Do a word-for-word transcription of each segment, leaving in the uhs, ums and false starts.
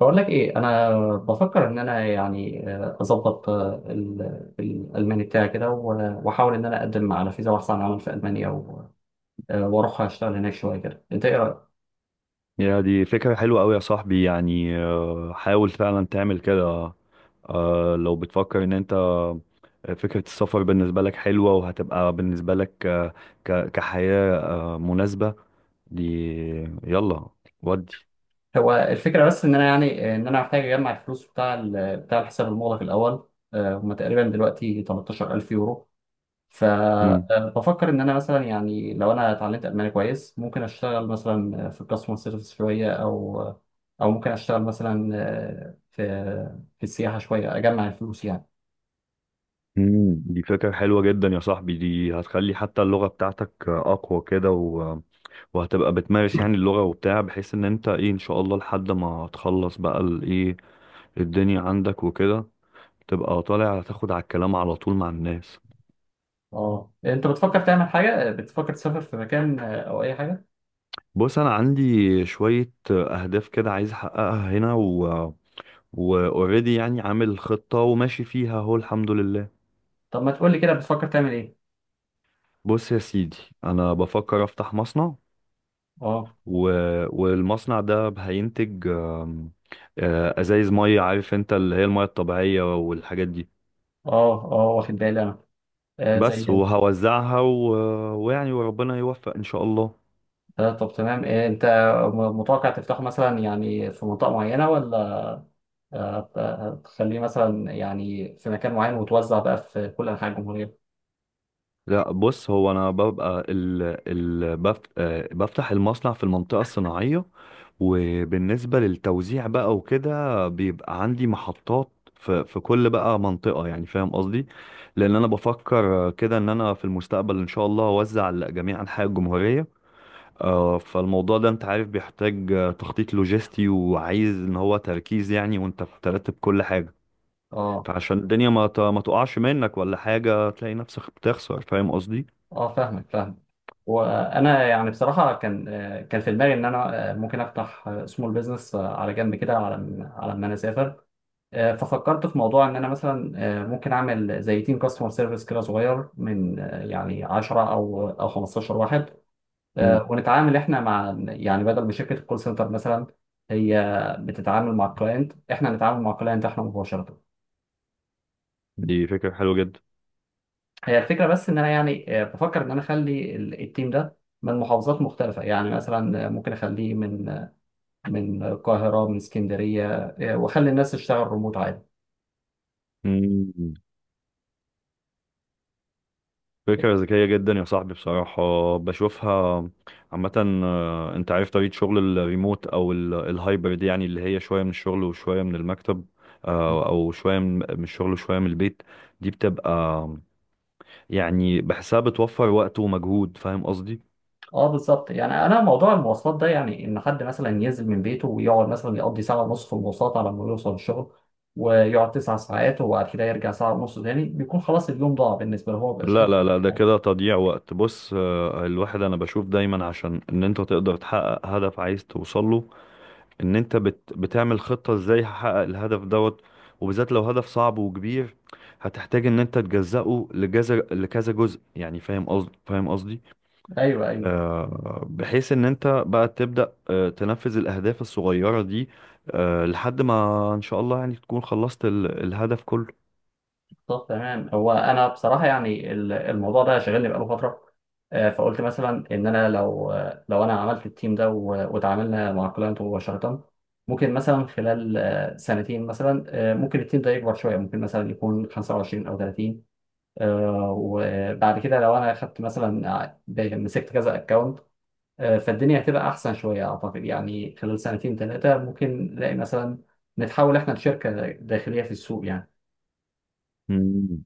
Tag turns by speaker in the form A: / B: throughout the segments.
A: بقول لك ايه. انا بفكر ان انا، يعني، آه، اظبط آه، ال- الالماني بتاعي كده، و- واحاول ان انا اقدم على فيزا بحث عن عمل في المانيا، و- آه، واروح اشتغل هناك شويه كده. انت ايه رايك؟
B: يا دي فكرة حلوة أوي يا صاحبي يعني آه، حاول فعلا تعمل كده. آه، لو بتفكر إن أنت آه، فكرة السفر بالنسبة لك حلوة، وهتبقى بالنسبة لك آه، ك- كحياة آه، مناسبة. دي يلا ودي.
A: هو الفكره بس ان انا، يعني، آه، ان انا محتاج اجمع الفلوس بتاع ال- بتاع الحساب المغلق الاول. آه، هما تقريبا دلوقتي تلتاشر ألف يورو.
B: مم.
A: فبفكر ان انا مثلا يعني لو انا اتعلمت الماني كويس، ممكن اشتغل مثلا في الكاستمر سيرفيس شويه، او او ممكن اشتغل مثلا آه، في في السياحه شويه، اجمع الفلوس يعني.
B: مم. دي فكرة حلوة جدا يا صاحبي، دي هتخلي حتى اللغة بتاعتك آه، أقوى كده. و... وهتبقى بتمارس يعني اللغة وبتاع، بحيث إن أنت إيه إن شاء الله لحد ما تخلص بقى الإيه الدنيا عندك وكده، تبقى طالع تاخد على الكلام على طول مع الناس.
A: اه، انت بتفكر تعمل حاجه؟ بتفكر تسافر في مكان آه، او اي حاجه؟
B: بص انا عندي شوية اهداف كده عايز احققها هنا، و واوريدي يعني عامل خطة وماشي فيها اهو، الحمد لله.
A: طب ما تقول لي كده، بتفكر تعمل ايه؟
B: بص يا سيدي، انا بفكر افتح مصنع.
A: اه،
B: و... والمصنع ده هينتج آم، آه، ازايز مية، عارف انت اللي هي المية الطبيعية والحاجات دي.
A: اه، اه، واخد بالي انا. آه
B: بس
A: زي...
B: وهوزعها، و... ويعني وربنا يوفق ان شاء الله.
A: آه طب، تمام. آه انت م- متوقع تفتحه مثلا، يعني في منطقه معينه، ولا هت- هتخليه مثلا يعني في مكان معين، وتوزع بقى في كل انحاء الجمهوريه؟
B: لا بص، هو انا ببقى ال ال بف آه، بفتح المصنع في المنطقه الصناعيه. وبالنسبه للتوزيع بقى وكده، بيبقى عندي محطات في في كل بقى منطقه، يعني فاهم قصدي؟ لان انا بفكر آه، كده ان انا في المستقبل ان شاء الله اوزع لجميع انحاء الجمهوريه. آه، فالموضوع ده انت عارف بيحتاج آه، تخطيط لوجستي، وعايز ان هو تركيز يعني وانت بترتب كل حاجه،
A: اه،
B: فعشان الدنيا ما ت- ما تقعش منك ولا حاجه، تلاقي نفسك بتخسر. فاهم قصدي؟
A: اه، فاهمك فاهمك. وانا يعني بصراحه كان، آه، كان في دماغي ان انا، آه، ممكن افتح سمول بزنس على جنب كده، على م- على ما انا اسافر. آه، ففكرت في موضوع ان انا مثلا، آه، ممكن اعمل زي تيم كاستمر سيرفيس كده صغير من، آه، يعني عشرة او او خمسة عشر واحد. آه، ونتعامل احنا مع، يعني، بدل ما شركه الكول سنتر مثلا هي بتتعامل مع الكلاينت، احنا نتعامل مع الكلاينت احنا مباشره.
B: دي فكرة حلوة جدا.
A: هي الفكرة بس إن أنا، يعني، آه، بفكر إن أنا أخلي ال- التيم ده من محافظات مختلفة، يعني مثلا آه، ممكن أخليه من آه، من القاهرة، من اسكندرية. آه، وأخلي الناس تشتغل ريموت عادي.
B: مم. فكرة ذكية جدا يا صاحبي بصراحة، بشوفها عامة. آه، انت عارف طريقة شغل الريموت او ال- الهايبرد، يعني اللي هي شوية من الشغل وشوية من المكتب، آه، او شوية من من الشغل وشوية من البيت. دي بتبقى يعني بحسها بتوفر وقت ومجهود، فاهم قصدي؟
A: اه، بالظبط يعني. انا موضوع المواصلات ده، يعني ان حد مثلا ينزل من بيته، ويقعد مثلا يقضي ساعه ونص في المواصلات على ما يوصل الشغل، ويقعد تسع ساعات، وبعد كده يرجع ساعه ونص تاني، بيكون خلاص اليوم ضاع بالنسبه له، هو مبقاش
B: لا
A: قادر.
B: لا لا، ده كده تضييع وقت. بص آه، الواحد انا بشوف دايما عشان ان انت تقدر تحقق هدف عايز توصله، ان انت بت بتعمل خطة ازاي هحقق الهدف دوت. وبالذات لو هدف صعب وكبير، هتحتاج ان انت تجزأه لجزء، لكذا جزء يعني. فاهم قصدي؟ فاهم قصدي؟
A: ايوه، ايوه.
B: آه بحيث ان انت بقى تبدأ آه تنفذ الاهداف الصغيرة دي آه لحد ما ان شاء الله يعني تكون خلصت ال- الهدف كله.
A: طب، تمام. هو انا بصراحه يعني ال- الموضوع ده شاغلني بقاله فتره. آه، فقلت مثلا ان انا لو، آه، لو انا عملت التيم ده و- وتعاملنا مع كلاينت مباشره، ممكن مثلا خلال آه، سنتين مثلا، آه، ممكن التيم ده يكبر شويه، ممكن مثلا يكون خمسة وعشرين او تلاتين. آه، وبعد كده لو انا خدت مثلا ع- مسكت كذا اكونت، فالدنيا هتبقى احسن شويه اعتقد، يعني خلال سنتين ثلاثه ممكن نلاقي مثلا نتحول احنا لشركه داخليه في السوق يعني.
B: مم.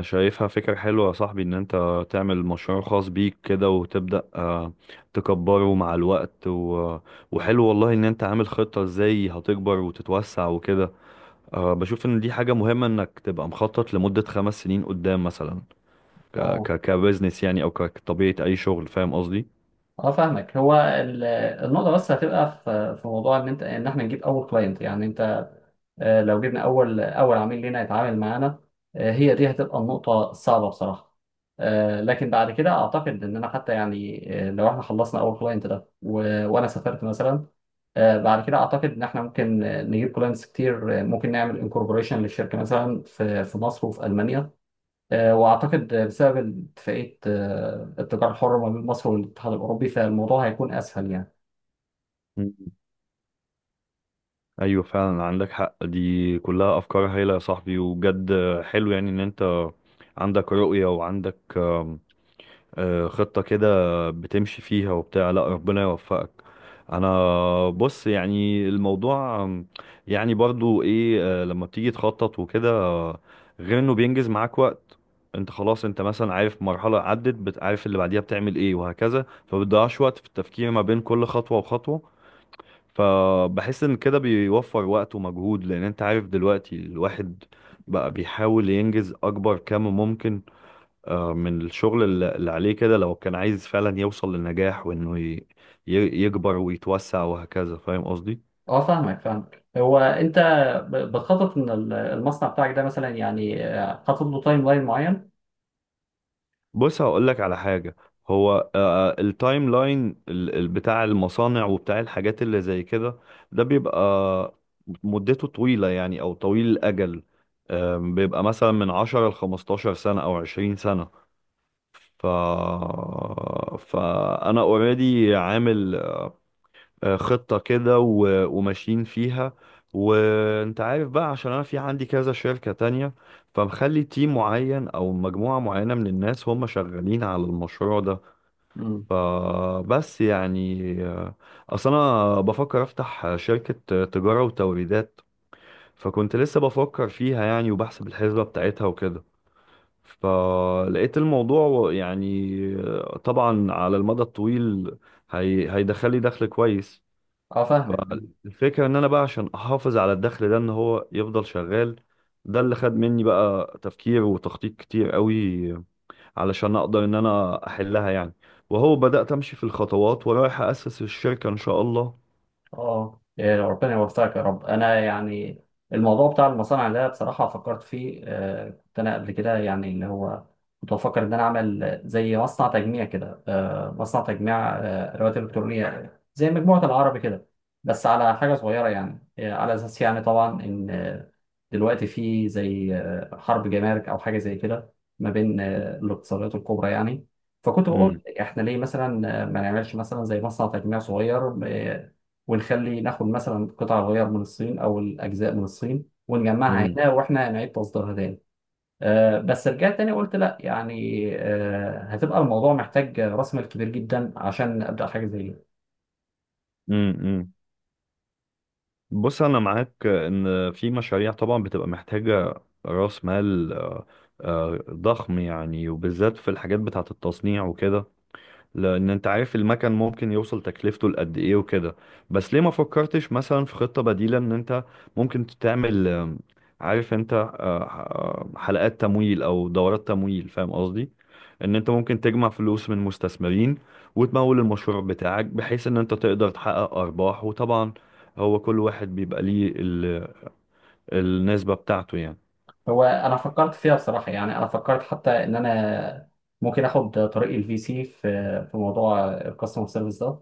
B: شايفها فكرة حلوة يا صاحبي، ان انت تعمل مشروع خاص بيك كده، وتبدأ آه، تكبره مع الوقت. و... وحلو والله ان انت عامل خطة ازاي هتكبر وتتوسع وكده. آه، بشوف ان دي حاجة مهمة انك تبقى مخطط لمدة خمس سنين قدام مثلا، ك... ك... كبزنس يعني، او ك- كطبيعة اي شغل. فاهم قصدي؟
A: اه، فاهمك. هو ال- النقطة بس هتبقى في في موضوع ان انت، ان احنا نجيب اول كلاينت يعني. انت، آه، لو جبنا اول اول عميل لينا يتعامل معانا، آه، هي دي هتبقى النقطة الصعبة بصراحة. آه، لكن بعد كده اعتقد اننا حتى، يعني، آه، لو احنا خلصنا اول كلاينت ده و- وانا سافرت مثلا، آه، بعد كده اعتقد ان احنا ممكن آه، نجيب كلاينتس كتير. آه، ممكن نعمل انكوربوريشن للشركة مثلا في في مصر وفي ألمانيا. آه، وأعتقد بسبب اتفاقية آه، التجارة الحرة ما بين مصر والاتحاد الأوروبي، فالموضوع هيكون أسهل يعني.
B: مم. ايوه فعلا عندك حق، دي كلها افكار هايلة يا صاحبي وبجد. حلو يعني ان انت عندك رؤية، وعندك آه، خطة كده بتمشي فيها وبتاع. لا ربنا يوفقك. انا بص يعني الموضوع آم، يعني برضو ايه، آه، لما بتيجي تخطط وكده، آه، غير انه بينجز معاك وقت. انت خلاص، انت مثلا عارف مرحلة عدت، بتعرف اللي بعديها بتعمل ايه وهكذا، فبتضيعش وقت في التفكير ما بين كل خطوة وخطوة. فبحس ان كده بيوفر وقت ومجهود، لان انت عارف دلوقتي الواحد بقى بيحاول ينجز اكبر كم ممكن من الشغل الل- اللي عليه كده، لو كان عايز فعلا يوصل للنجاح، وانه ي- ي- يكبر ويتوسع وهكذا. فاهم قصدي؟
A: أه، فاهمك فاهمك. هو أنت ب- بتخطط إن ال- المصنع بتاعك ده، مثلا يعني آه، حاطط له تايم لاين معين؟
B: بص هقول لك على حاجة. هو آه، آه، التايم لاين ال- ال- بتاع المصانع وبتاع الحاجات اللي زي كده، ده بيبقى مدته طويلة يعني، او طويل الاجل. آم، بيبقى مثلا من عشر ل خمستاشر سنة او عشرين سنة. ف... فانا اوريدي عامل آه، خطة كده و- وماشيين فيها. وانت عارف بقى، عشان انا في عندي كذا شركة تانية، فمخلي تيم معين او مجموعة معينة من الناس هم شغالين على المشروع ده.
A: مم.
B: فبس يعني، آه، اصل انا بفكر افتح شركة تجارة وتوريدات، فكنت لسه بفكر فيها يعني وبحسب الحسبة بتاعتها وكده، فلقيت الموضوع يعني آه، طبعا على المدى الطويل هي... هيدخلي دخل كويس.
A: أه، فاهمك.
B: الفكرة ان انا بقى عشان احافظ على الدخل ده ان هو يفضل شغال، ده اللي خد مني بقى تفكير وتخطيط كتير قوي علشان اقدر ان انا احلها يعني. وهو بدأت امشي في الخطوات ورايح اسس الشركة ان شاء الله.
A: اه، إيه، ربنا يوفقك يا رب. انا يعني الموضوع بتاع المصانع ده بصراحه فكرت فيه. آه، كنت انا قبل كده، يعني اللي هو كنت بفكر ان انا اعمل زي مصنع تجميع كده، آه، مصنع تجميع آه، ادوات الكترونيه زي مجموعه العربي كده، بس على حاجه صغيره يعني. آه، على اساس يعني طبعا ان آه، دلوقتي في زي آه، حرب جمارك او حاجه زي كده ما بين آه، الاقتصادات الكبرى يعني. فكنت
B: امم.
A: بقول احنا ليه مثلا آه، ما نعملش مثلا زي مصنع تجميع صغير، آه، ونخلي ناخد مثلا قطع الغيار من الصين او الاجزاء من الصين ونجمعها
B: امم.
A: هنا، واحنا نعيد تصديرها تاني. آه، بس رجعت تاني قلت لا، يعني آه، هتبقى الموضوع محتاج راس مال كبير جدا عشان ابدا حاجه زي دي.
B: امم. بص انا معاك ان في مشاريع طبعا بتبقى محتاجة راس مال آه، آه، ضخم يعني، وبالذات في الحاجات بتاعة التصنيع وكده، لان انت عارف المكن ممكن يوصل تكلفته لقد ايه وكده. بس ليه ما فكرتش مثلا في خطة بديلة؟ ان انت ممكن تعمل آم، عارف انت آه، آه، حلقات تمويل او دورات تمويل. فاهم قصدي؟ ان انت ممكن تجمع فلوس من مستثمرين وتمول المشروع بتاعك، بحيث ان انت تقدر تحقق ارباح. وطبعا هو كل واحد بيبقى ليه ال- النسبة بتاعته يعني.
A: هو انا فكرت فيها بصراحه، يعني انا فكرت حتى ان انا ممكن اخد طريق الفي سي في في موضوع الكاستمر سيرفيس ده،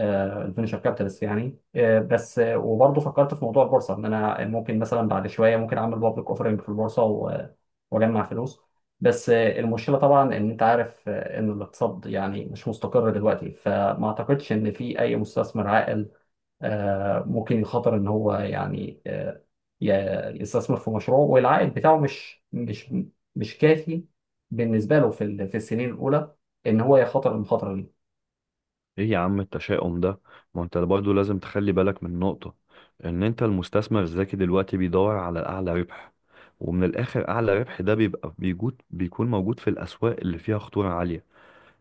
A: الفينشر كابيتالست يعني. آه، بس آه، وبرضه فكرت في موضوع البورصه ان انا ممكن مثلا بعد شويه ممكن اعمل بابليك اوفرنج في البورصه و- واجمع فلوس. بس آه، المشكله طبعا ان انت عارف آه، ان الاقتصاد يعني مش مستقر دلوقتي، فما اعتقدش ان في اي مستثمر عاقل آه، ممكن يخاطر ان هو، يعني، آه، ي- يستثمر في مشروع والعائد بتاعه مش مش مش كافي بالنسبه له في ال- في السنين الاولى، ان هو يخاطر المخاطره دي.
B: ايه يا عم التشاؤم ده؟ ما انت برضه لازم تخلي بالك من نقطة ان انت المستثمر الذكي دلوقتي بيدور على الاعلى ربح، ومن الاخر اعلى ربح ده بيبقى بيجود بيكون موجود في الاسواق اللي فيها خطورة عالية.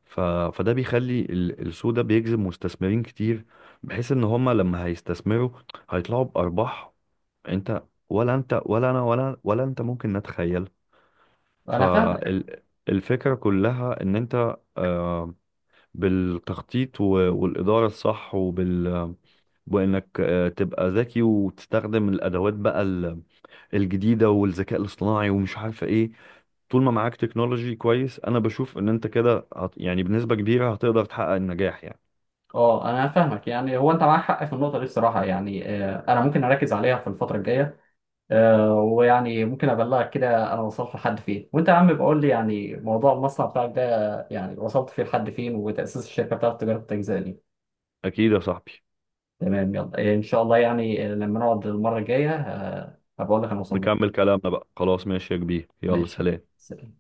B: ف... فده بيخلي ال- السوق ده بيجذب مستثمرين كتير، بحيث ان هما لما هيستثمروا هيطلعوا بارباح. انت ولا انت ولا انا ولا ولا انت ممكن نتخيل.
A: انا فاهمك.
B: فالفكرة كلها ان انت آه، بالتخطيط و- والإدارة الصح وبال وإنك آه، تبقى ذكي وتستخدم الأدوات بقى ال- الجديدة والذكاء الاصطناعي، ومش عارفة إيه. طول ما معاك تكنولوجي كويس، أنا بشوف إن أنت كده هت... يعني بنسبة كبيرة هتقدر تحقق النجاح يعني.
A: اه، انا فاهمك. يعني هو انت معاك حق في النقطه دي بصراحه يعني. آه، انا ممكن اركز عليها في الفتره الجايه. آه، ويعني ممكن ابلغك كده انا وصلت لحد فين، وانت يا عم بقول لي يعني موضوع المصنع بتاعك ده، يعني وصلت فيه لحد فين، وتاسيس الشركه بتاعت تجاره التجزئه دي.
B: أكيد يا صاحبي.
A: تمام، يلا، إيه، ان شاء الله يعني. لما نقعد المره الجايه آه، هبقول لك انا وصلت.
B: نكمل كلامنا بقى، خلاص، ماشي يا كبير، يلا
A: ماشي.
B: سلام.
A: سلام.